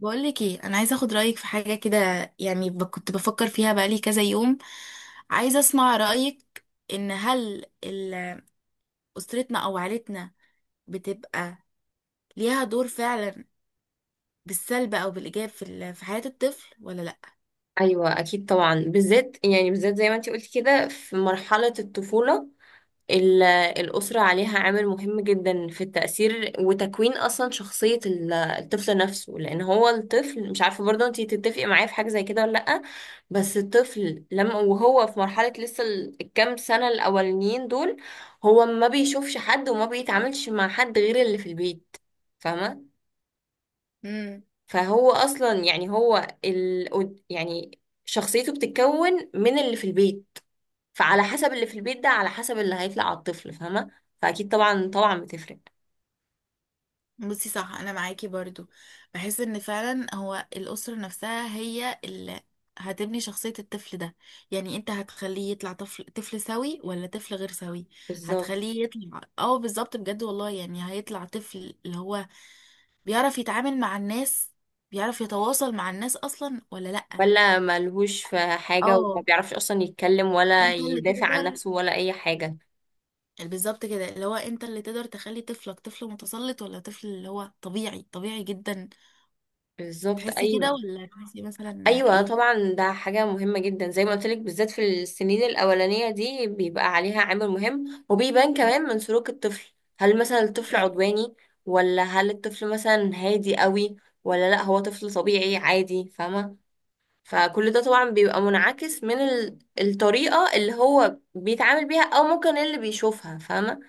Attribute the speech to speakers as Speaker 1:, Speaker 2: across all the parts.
Speaker 1: بقولك ايه انا عايزه اخد رايك في حاجه كده. يعني كنت بفكر فيها بقالي كذا يوم. عايزه اسمع رايك، ان هل اسرتنا او عائلتنا بتبقى ليها دور فعلا بالسلب او بالايجاب في حياه الطفل ولا
Speaker 2: ايوه، اكيد طبعا، بالذات زي ما انت قلت كده، في مرحله الطفوله، ال- الاسره عليها عامل مهم جدا في التاثير وتكوين اصلا شخصيه الطفل نفسه، لان هو الطفل. مش عارفه، برضه انت تتفقي معايا في حاجه زي كده ولا لا. بس الطفل لما وهو في مرحله لسه الكام سنه الاولانيين دول، هو ما بيشوفش حد وما بيتعاملش مع حد غير اللي في البيت. فاهمه؟
Speaker 1: لا.
Speaker 2: فهو اصلا، يعني شخصيته بتتكون من اللي في البيت. فعلى حسب اللي في البيت ده، على حسب اللي هيطلع على الطفل. فاهمه؟ فاكيد طبعا طبعا بتفرق.
Speaker 1: بصي، صح، انا معاكي برضو. بحس ان فعلا هو الاسره نفسها هي اللي هتبني شخصيه الطفل ده. يعني انت هتخليه يطلع طفل سوي ولا طفل غير سوي.
Speaker 2: بالظبط.
Speaker 1: هتخليه يطلع، بالظبط، بجد والله يعني هيطلع طفل اللي هو بيعرف يتعامل مع الناس، بيعرف يتواصل مع الناس اصلا ولا لا.
Speaker 2: ولا ملهوش في حاجه وما
Speaker 1: اه،
Speaker 2: بيعرفش اصلا يتكلم ولا
Speaker 1: انت اللي
Speaker 2: يدافع عن
Speaker 1: تقدر.
Speaker 2: نفسه ولا اي حاجه.
Speaker 1: بالظبط كده، اللي هو انت اللي تقدر تخلي طفلك طفل متسلط ولا طفل اللي هو طبيعي، طبيعي جدا.
Speaker 2: بالظبط
Speaker 1: تحسي كده
Speaker 2: ايوه.
Speaker 1: ولا تحسي مثلا
Speaker 2: ايوه
Speaker 1: ايه؟
Speaker 2: طبعا، ده حاجه مهمه جدا زي ما قلت لك، بالذات في السنين الاولانيه دي بيبقى عليها عامل مهم، وبيبان كمان من سلوك الطفل. هل مثلا الطفل
Speaker 1: تمام.
Speaker 2: عدواني، ولا هل الطفل مثلا هادي قوي، ولا لا هو طفل طبيعي عادي. فاهمه؟ فكل ده طبعا بيبقى منعكس من الطريقه اللي هو بيتعامل بيها، او ممكن اللي بيشوفها. فاهمه؟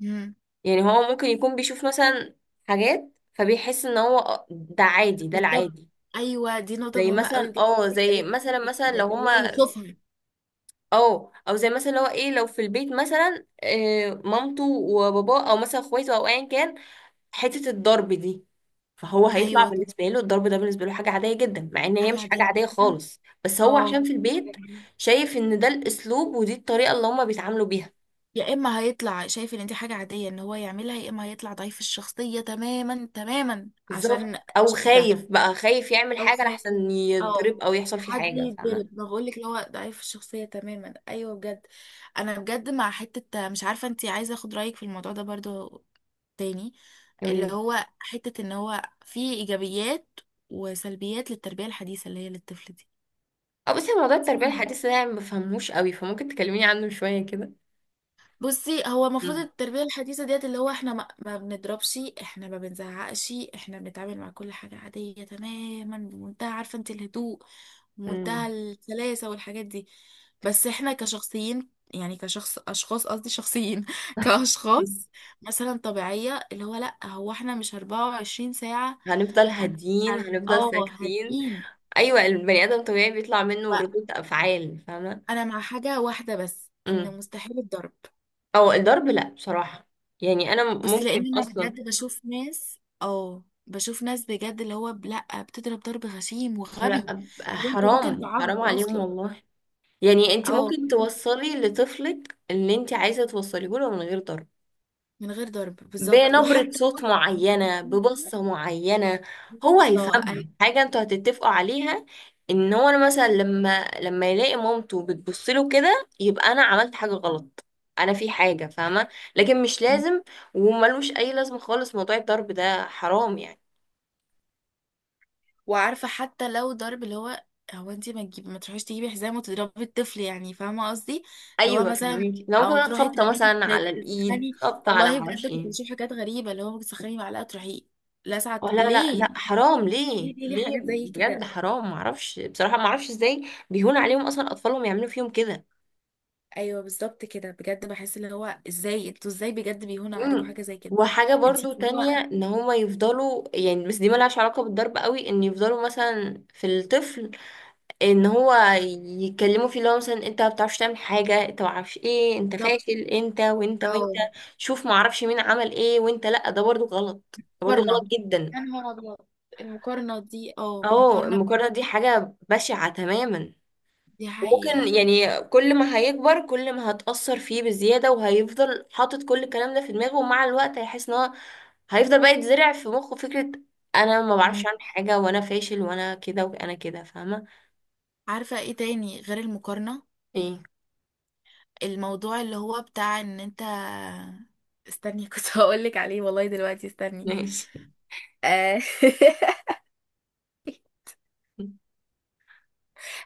Speaker 1: مم.
Speaker 2: يعني هو ممكن يكون بيشوف مثلا حاجات، فبيحس ان هو، ده عادي، ده
Speaker 1: بالظبط،
Speaker 2: العادي.
Speaker 1: ايوه، دي نقطه
Speaker 2: زي
Speaker 1: مهمه قوي
Speaker 2: مثلا
Speaker 1: بجد
Speaker 2: اه
Speaker 1: كنت
Speaker 2: زي
Speaker 1: اتكلمت
Speaker 2: مثلا
Speaker 1: فيها،
Speaker 2: مثلا
Speaker 1: ده
Speaker 2: لو
Speaker 1: اللي هو
Speaker 2: هما
Speaker 1: يشوفها.
Speaker 2: او او زي مثلا اللي هو ايه لو في البيت مثلا، مامته وباباه، او مثلا اخواته، او ايا كان، حته الضرب دي. فهو هيطلع
Speaker 1: ايوه، طب،
Speaker 2: بالنسبه له الضرب ده بالنسبه له حاجه عاديه جدا، مع ان هي
Speaker 1: حاجه
Speaker 2: مش
Speaker 1: عاديه
Speaker 2: حاجه عاديه
Speaker 1: جدا.
Speaker 2: خالص، بس هو
Speaker 1: اه
Speaker 2: عشان في
Speaker 1: حاجة
Speaker 2: البيت
Speaker 1: عادية.
Speaker 2: شايف ان ده الاسلوب ودي الطريقه اللي هما بيتعاملوا بيها.
Speaker 1: يا اما هيطلع شايف ان دي حاجه عاديه ان هو يعملها، يا اما هيطلع ضعيف الشخصيه تماما، تماما، عشان
Speaker 2: بالظبط، او
Speaker 1: شاف ده،
Speaker 2: خايف يعمل
Speaker 1: او
Speaker 2: حاجه
Speaker 1: خالي
Speaker 2: لحسن
Speaker 1: اه
Speaker 2: يتضرب او يحصل فيه
Speaker 1: حد
Speaker 2: حاجه. فاهمه؟
Speaker 1: يتضرب. ما بقولك اللي هو ضعيف الشخصيه تماما، ايوه بجد. انا بجد مع حته مش عارفه، انتي عايزه اخد رايك في الموضوع ده برضو تاني،
Speaker 2: يقول
Speaker 1: اللي
Speaker 2: لي.
Speaker 1: هو حته ان هو في ايجابيات وسلبيات للتربيه الحديثه اللي هي للطفل
Speaker 2: اه، بس موضوع التربيه
Speaker 1: دي.
Speaker 2: الحديثه ده أنا ما بفهموش قوي، فممكن تكلميني عنه شويه كده.
Speaker 1: بصي، هو المفروض التربية الحديثة ديت اللي هو احنا ما بنضربش، احنا ما بنزعقش، احنا بنتعامل مع كل حاجة عادية تماما، بمنتهى، عارفة انت، الهدوء ومنتهى
Speaker 2: امم.
Speaker 1: السلاسة والحاجات دي. بس احنا كشخصيين، يعني كشخص اشخاص قصدي شخصيين كاشخاص مثلا طبيعية، اللي هو لا، هو احنا مش 24 ساعة
Speaker 2: هنفضل
Speaker 1: هن-
Speaker 2: هادين، هنفضل ساكتين.
Speaker 1: هادين.
Speaker 2: ايوه، البني ادم طبيعي بيطلع منه ردود افعال. فاهمه؟
Speaker 1: وانا مع حاجة واحدة بس، ان
Speaker 2: امم.
Speaker 1: مستحيل الضرب.
Speaker 2: او الضرب لا بصراحه، يعني انا
Speaker 1: بس
Speaker 2: ممكن
Speaker 1: لان انا
Speaker 2: اصلا...
Speaker 1: بجد بشوف ناس بجد اللي هو لا، بتضرب ضرب غشيم
Speaker 2: لا،
Speaker 1: وغبي.
Speaker 2: أبقى
Speaker 1: لو انت ممكن
Speaker 2: حرام،
Speaker 1: تعض
Speaker 2: حرام عليهم
Speaker 1: اصلا،
Speaker 2: والله. يعني انت
Speaker 1: اه
Speaker 2: ممكن توصلي لطفلك اللي انت عايزه توصليه له من غير ضرب،
Speaker 1: من غير ضرب بالظبط.
Speaker 2: بنبرة
Speaker 1: وحتى
Speaker 2: صوت
Speaker 1: لو
Speaker 2: معينة،
Speaker 1: هتعملي كده،
Speaker 2: ببصة معينة هو
Speaker 1: بالظبط.
Speaker 2: هيفهمها.
Speaker 1: أيوة.
Speaker 2: حاجة انتوا هتتفقوا عليها، ان هو انا مثلا لما يلاقي مامته بتبص له كده، يبقى انا عملت حاجة غلط. انا في حاجة. فاهمة؟ لكن مش
Speaker 1: مم.
Speaker 2: لازم. وملوش اي لازمة خالص موضوع الضرب ده، حرام يعني.
Speaker 1: وعارفه، حتى لو ضرب اللي هو انت ما تجيبي، ما تروحيش تجيبي حزام وتضربي الطفل يعني، فاهمه قصدي. اللي هو
Speaker 2: ايوه
Speaker 1: مثلا
Speaker 2: فهميكي، لو
Speaker 1: او
Speaker 2: ممكن
Speaker 1: تروحي
Speaker 2: خبطة
Speaker 1: تعملي،
Speaker 2: مثلا على الايد،
Speaker 1: تسخني.
Speaker 2: خبطة على
Speaker 1: والله
Speaker 2: معرفش
Speaker 1: بجد كنت
Speaker 2: ايه.
Speaker 1: بشوف حاجات غريبه، اللي هو ممكن تسخني معلقه تروحي
Speaker 2: أو
Speaker 1: لسعت
Speaker 2: لا لا
Speaker 1: ليه.
Speaker 2: لا حرام،
Speaker 1: ليه،
Speaker 2: ليه؟
Speaker 1: ليه، ليه،
Speaker 2: ليه
Speaker 1: حاجات زي
Speaker 2: بجد
Speaker 1: كده؟
Speaker 2: حرام؟ معرفش بصراحة، معرفش ازاي بيهون عليهم اصلا اطفالهم يعملوا فيهم كده.
Speaker 1: ايوه، بالظبط كده بجد، بحس اللي هو ازاي انتوا، ازاي بجد بيهونوا عليكم
Speaker 2: مم.
Speaker 1: حاجه زي كده.
Speaker 2: وحاجة
Speaker 1: انت
Speaker 2: برضو
Speaker 1: هو
Speaker 2: تانية، ان هما يفضلوا يعني، بس دي ملهاش علاقة بالضرب قوي، ان يفضلوا مثلا في الطفل، ان هو يتكلموا فيه، اللي هو مثلا انت ما بتعرفش تعمل حاجة، انت ما اعرفش ايه، انت
Speaker 1: بالظبط.
Speaker 2: فاشل، انت وانت وانت،
Speaker 1: اه
Speaker 2: شوف ما اعرفش مين عمل ايه وانت. لا، ده برضو غلط، ده برضو غلط
Speaker 1: مقارنه.
Speaker 2: جدا.
Speaker 1: يا نهار ابيض. المقارنه دي،
Speaker 2: اه،
Speaker 1: مقارنه
Speaker 2: المقارنة
Speaker 1: بجد،
Speaker 2: دي حاجة بشعة تماما.
Speaker 1: دي حقيقه.
Speaker 2: وممكن يعني كل ما هيكبر كل ما هتأثر فيه بزيادة، وهيفضل حاطط كل الكلام ده في دماغه، ومع الوقت هيحس ان هو هيفضل بقى يتزرع في مخه فكرة: انا ما بعرفش
Speaker 1: مم.
Speaker 2: اعمل حاجة، وانا فاشل، وانا كده وانا كده. فاهمة؟
Speaker 1: عارفه ايه تاني غير المقارنه؟
Speaker 2: ايه؟
Speaker 1: الموضوع اللي هو بتاع ان انت، استني كنت هقول لك عليه والله، دلوقتي استني.
Speaker 2: ماشي.
Speaker 1: آه.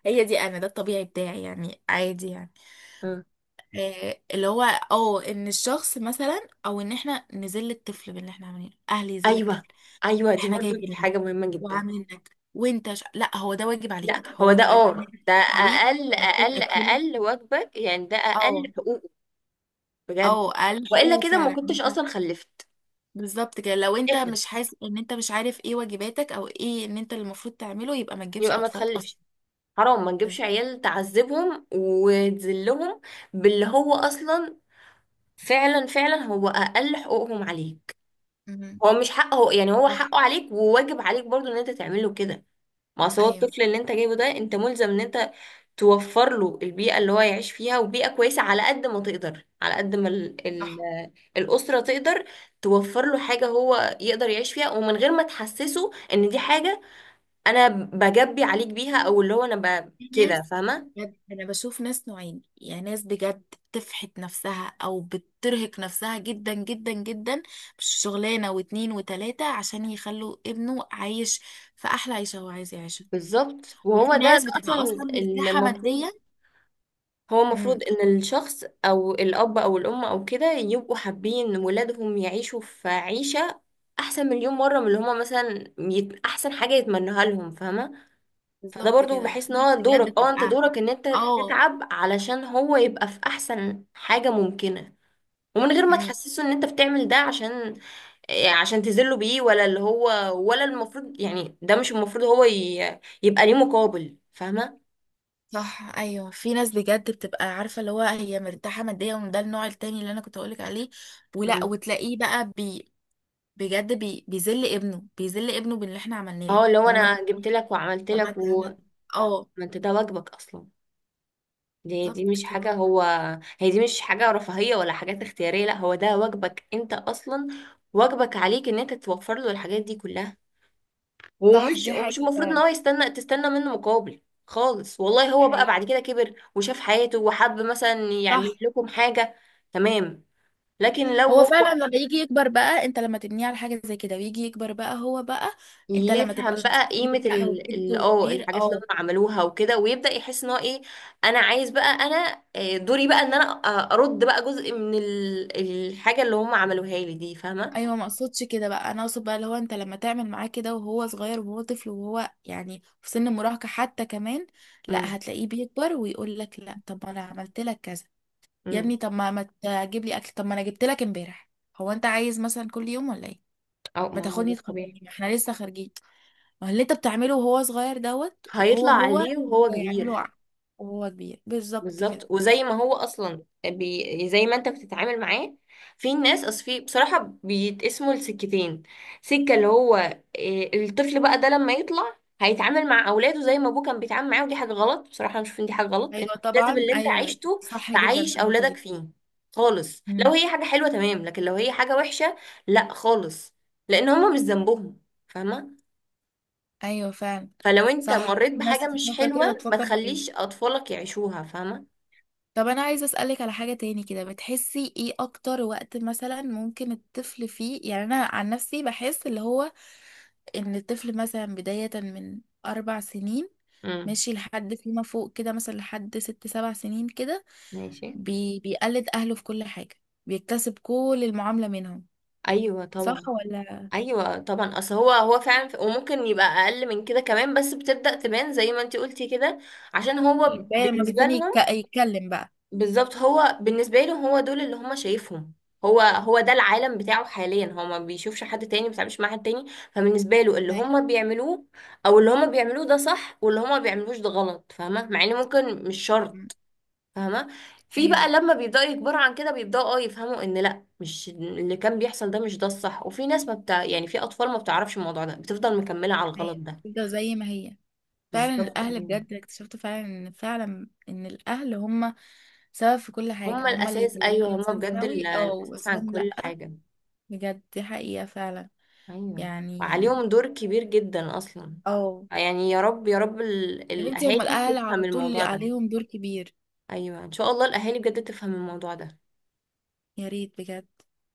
Speaker 1: هي دي انا، ده الطبيعي بتاعي يعني عادي يعني.
Speaker 2: آه.
Speaker 1: اللي هو اه ان الشخص مثلا او ان احنا نذل الطفل باللي احنا عاملينه، اهل يذل
Speaker 2: ايوه
Speaker 1: الطفل.
Speaker 2: ايوه، دي
Speaker 1: احنا
Speaker 2: برضو دي
Speaker 1: جايبينك
Speaker 2: حاجة مهمة جدا.
Speaker 1: وعاملين لك وانت لا، هو ده واجب
Speaker 2: لا
Speaker 1: عليك، هو
Speaker 2: هو ده
Speaker 1: واجب عليك ان
Speaker 2: اه
Speaker 1: انت تدوس
Speaker 2: ده
Speaker 1: عليه،
Speaker 2: اقل
Speaker 1: ان انت
Speaker 2: اقل
Speaker 1: تاكله.
Speaker 2: اقل واجبك يعني، ده اقل
Speaker 1: اه
Speaker 2: حقوقه، بجد.
Speaker 1: اه
Speaker 2: والا
Speaker 1: الحقه
Speaker 2: كده ما
Speaker 1: فعلا
Speaker 2: كنتش
Speaker 1: انت-
Speaker 2: اصلا خلفت.
Speaker 1: بالظبط كده، لو انت
Speaker 2: اخر.
Speaker 1: مش حاسس ان انت مش عارف ايه واجباتك، او ايه ان انت اللي المفروض تعمله، يبقى ما تجيبش
Speaker 2: يبقى ما
Speaker 1: اطفال اصلا.
Speaker 2: تخلفش. حرام، ما نجيبش عيال تعذبهم وتذلهم باللي هو اصلا. فعلا فعلا هو اقل حقوقهم عليك.
Speaker 1: مهم.
Speaker 2: هو مش حقه يعني، هو
Speaker 1: صح.
Speaker 2: حقه عليك وواجب عليك برضو ان انت تعمله كده. ما أصل هو
Speaker 1: ايوه.
Speaker 2: الطفل اللي انت جايبه ده، انت ملزم ان انت توفر له البيئة اللي هو يعيش فيها، وبيئة كويسة على قد ما تقدر، على قد ما ال ال
Speaker 1: صح.
Speaker 2: الأسرة تقدر توفر له حاجة هو يقدر يعيش فيها، ومن غير ما تحسسه ان دي حاجة انا بجبي عليك بيها، او اللي هو انا
Speaker 1: في
Speaker 2: كده.
Speaker 1: ناس
Speaker 2: فاهمة؟
Speaker 1: بجد، انا بشوف ناس نوعين يعني، ناس بجد بتفحت نفسها او بترهق نفسها جدا، جدا، جدا، مش شغلانه واتنين وتلاته عشان يخلوا ابنه عايش في احلى عيشه هو عايز يعيشها.
Speaker 2: بالظبط، وهو ده,
Speaker 1: وفي
Speaker 2: ده
Speaker 1: ناس بتبقى
Speaker 2: اصلا
Speaker 1: اصلا مرتاحه
Speaker 2: المفروض.
Speaker 1: ماديا.
Speaker 2: هو المفروض
Speaker 1: امم
Speaker 2: ان الشخص او الاب او الام او كده يبقوا حابين ولادهم يعيشوا في عيشة احسن مليون مرة من اللي هما مثلا احسن حاجة يتمنوها لهم. فاهمة؟ فده
Speaker 1: بالظبط
Speaker 2: برضو
Speaker 1: كده.
Speaker 2: بحس
Speaker 1: في
Speaker 2: ان
Speaker 1: ناس
Speaker 2: هو
Speaker 1: بجد
Speaker 2: دورك، اه انت
Speaker 1: بتبقى
Speaker 2: دورك ان انت
Speaker 1: اه
Speaker 2: تتعب علشان هو يبقى في احسن حاجة ممكنة، ومن غير ما
Speaker 1: امم
Speaker 2: تحسسه ان انت بتعمل ده عشان إيه، عشان تذله بيه، ولا اللي هو، ولا المفروض يعني، ده مش المفروض هو يبقى ليه مقابل. فاهمة؟
Speaker 1: صح، ايوه. في ناس بجد بتبقى عارفه اللي هو هي مرتاحه ماديا، وده النوع التاني اللي انا كنت اقولك عليه. ولا
Speaker 2: مم.
Speaker 1: وتلاقيه بقى بجد بيذل ابنه باللي احنا عملناه
Speaker 2: اه،
Speaker 1: لك.
Speaker 2: لو
Speaker 1: طب ما انت
Speaker 2: انا جبت لك وعملت
Speaker 1: طب ما
Speaker 2: لك،
Speaker 1: انت عمل
Speaker 2: وما
Speaker 1: اه
Speaker 2: انت ده واجبك اصلا. دي
Speaker 1: بالظبط
Speaker 2: مش
Speaker 1: كده.
Speaker 2: حاجه هو. هي دي مش حاجه رفاهيه ولا حاجات اختياريه، لا هو ده واجبك انت اصلا، واجبك عليك ان انت توفر له الحاجات دي كلها.
Speaker 1: صح،
Speaker 2: ومش
Speaker 1: دي
Speaker 2: ومش
Speaker 1: حقيقة
Speaker 2: المفروض ان
Speaker 1: فعلا.
Speaker 2: هو يستنى، تستنى منه مقابل خالص والله. هو بقى
Speaker 1: حقيقة.
Speaker 2: بعد كده كبر وشاف حياته وحب مثلا يعمل
Speaker 1: صح.
Speaker 2: لكم حاجه، تمام. لكن لو
Speaker 1: هو
Speaker 2: هو
Speaker 1: فعلا لما يجي يكبر بقى، انت لما تبنيه على حاجه زي كده ويجي يكبر بقى، هو بقى انت لما تبقى
Speaker 2: يفهم
Speaker 1: شخص
Speaker 2: بقى قيمة
Speaker 1: كبير بقى وجد وكبير،
Speaker 2: الحاجات اللي
Speaker 1: اه.
Speaker 2: هم عملوها وكده، ويبدأ يحس ان هو ايه، انا عايز بقى، دوري بقى ان انا، ارد بقى جزء من الحاجة اللي هم عملوها لي دي. فاهمة؟
Speaker 1: ايوه، ما اقصدش كده بقى، انا اقصد بقى اللي هو انت لما تعمل معاه كده وهو صغير وهو طفل وهو يعني في سن المراهقه حتى كمان،
Speaker 2: امم،
Speaker 1: لا، هتلاقيه بيكبر ويقول لك لا، طب ما انا عملت لك كذا يا
Speaker 2: امم.
Speaker 1: ابني. طب ما تجيب لي اكل، طب ما انا جبت لك امبارح. هو انت عايز مثلا كل يوم ولا ايه؟
Speaker 2: اه،
Speaker 1: ما
Speaker 2: ما هو
Speaker 1: تاخدني
Speaker 2: ده طبيعي.
Speaker 1: تخرجني، ما احنا لسه خارجين. ما هو اللي انت بتعمله وهو صغير دوت، وهو
Speaker 2: هيطلع
Speaker 1: هو هو
Speaker 2: عليه وهو
Speaker 1: يعمله
Speaker 2: كبير.
Speaker 1: وهو كبير بالظبط كده.
Speaker 2: بالظبط. وزي ما هو اصلا زي ما انت بتتعامل معاه. في ناس، اصل، في بصراحه، بيتقسموا لسكتين. سكه اللي هو إيه، الطفل بقى ده لما يطلع هيتعامل مع اولاده زي ما ابوه كان بيتعامل معاه. ودي حاجه غلط بصراحه، انا بشوف ان دي حاجه غلط، انت
Speaker 1: ايوه،
Speaker 2: لازم
Speaker 1: طبعا،
Speaker 2: اللي انت
Speaker 1: ايوه.
Speaker 2: عايشته
Speaker 1: صح جدا
Speaker 2: تعيش
Speaker 1: في النقطه
Speaker 2: اولادك
Speaker 1: دي.
Speaker 2: فيه خالص، لو
Speaker 1: امم،
Speaker 2: هي حاجه حلوه تمام، لكن لو هي حاجه وحشه لا خالص، لان هما مش ذنبهم. فاهمه؟
Speaker 1: ايوه فعلا.
Speaker 2: فلو انت
Speaker 1: صح،
Speaker 2: مريت
Speaker 1: في ناس
Speaker 2: بحاجه مش
Speaker 1: بتفكر كده
Speaker 2: حلوه ما
Speaker 1: وتفكر في كده.
Speaker 2: تخليش اطفالك يعيشوها. فاهمه؟
Speaker 1: طب انا عايزه اسالك على حاجه تاني كده، بتحسي ايه اكتر وقت مثلا ممكن الطفل فيه؟ يعني انا عن نفسي بحس اللي هو ان الطفل مثلا بدايه من 4 سنين
Speaker 2: امم.
Speaker 1: ماشي لحد فيما فوق كده، مثلا لحد 6 7 سنين كده،
Speaker 2: ماشي.
Speaker 1: بيقلد اهله في كل حاجه، بيكتسب كل المعامله منهم،
Speaker 2: ايوه
Speaker 1: صح
Speaker 2: طبعا.
Speaker 1: ولا؟
Speaker 2: ايوه طبعا، اصل هو فعلا، وممكن يبقى اقل من كده كمان، بس بتبدأ تبان زي ما انتي قلتي كده. عشان هو
Speaker 1: بقى لما
Speaker 2: بالنسبة
Speaker 1: بيبتدي
Speaker 2: لهم.
Speaker 1: يتكلم بقى.
Speaker 2: بالظبط، هو بالنسبة لهم هو دول اللي هم شايفهم. هو ده العالم بتاعه حاليا، هو ما بيشوفش حد تاني، ما بيتعاملش مع حد تاني. فبالنسبة له
Speaker 1: أيوه،
Speaker 2: اللي هم بيعملوه ده صح، واللي هم ما بيعملوش ده غلط. فاهمة؟ مع ان ممكن مش شرط. فاهمة؟ في بقى
Speaker 1: أيوه،
Speaker 2: لما بيبدأوا يكبروا عن كده، بيبدأوا يفهموا ان لا، مش اللي كان بيحصل ده، مش ده الصح، وفي ناس ما بتاع يعني في اطفال ما بتعرفش الموضوع ده بتفضل مكملة على
Speaker 1: أيوه.
Speaker 2: الغلط ده.
Speaker 1: كده زي ما هي فعلا
Speaker 2: بالظبط
Speaker 1: الاهل،
Speaker 2: ايوه.
Speaker 1: بجد اكتشفت فعلا ان فعلا ان الاهل هم سبب في كل حاجه،
Speaker 2: هما
Speaker 1: هم اللي
Speaker 2: الاساس، ايوه
Speaker 1: يطلعوك
Speaker 2: هما
Speaker 1: انسان
Speaker 2: بجد
Speaker 1: سوي او
Speaker 2: الاساس عن
Speaker 1: انسان
Speaker 2: كل
Speaker 1: لا.
Speaker 2: حاجة.
Speaker 1: بجد دي حقيقه فعلا.
Speaker 2: ايوه،
Speaker 1: يعني
Speaker 2: وعليهم دور كبير جدا اصلا.
Speaker 1: اه
Speaker 2: آه يعني، يا رب يا رب
Speaker 1: يا بنتي، هم
Speaker 2: الاهالي
Speaker 1: الاهل
Speaker 2: تفهم
Speaker 1: على طول
Speaker 2: الموضوع ده.
Speaker 1: عليهم دور كبير.
Speaker 2: ايوه ان شاء الله الاهالي بجد تفهم الموضوع ده.
Speaker 1: يا ريت بجد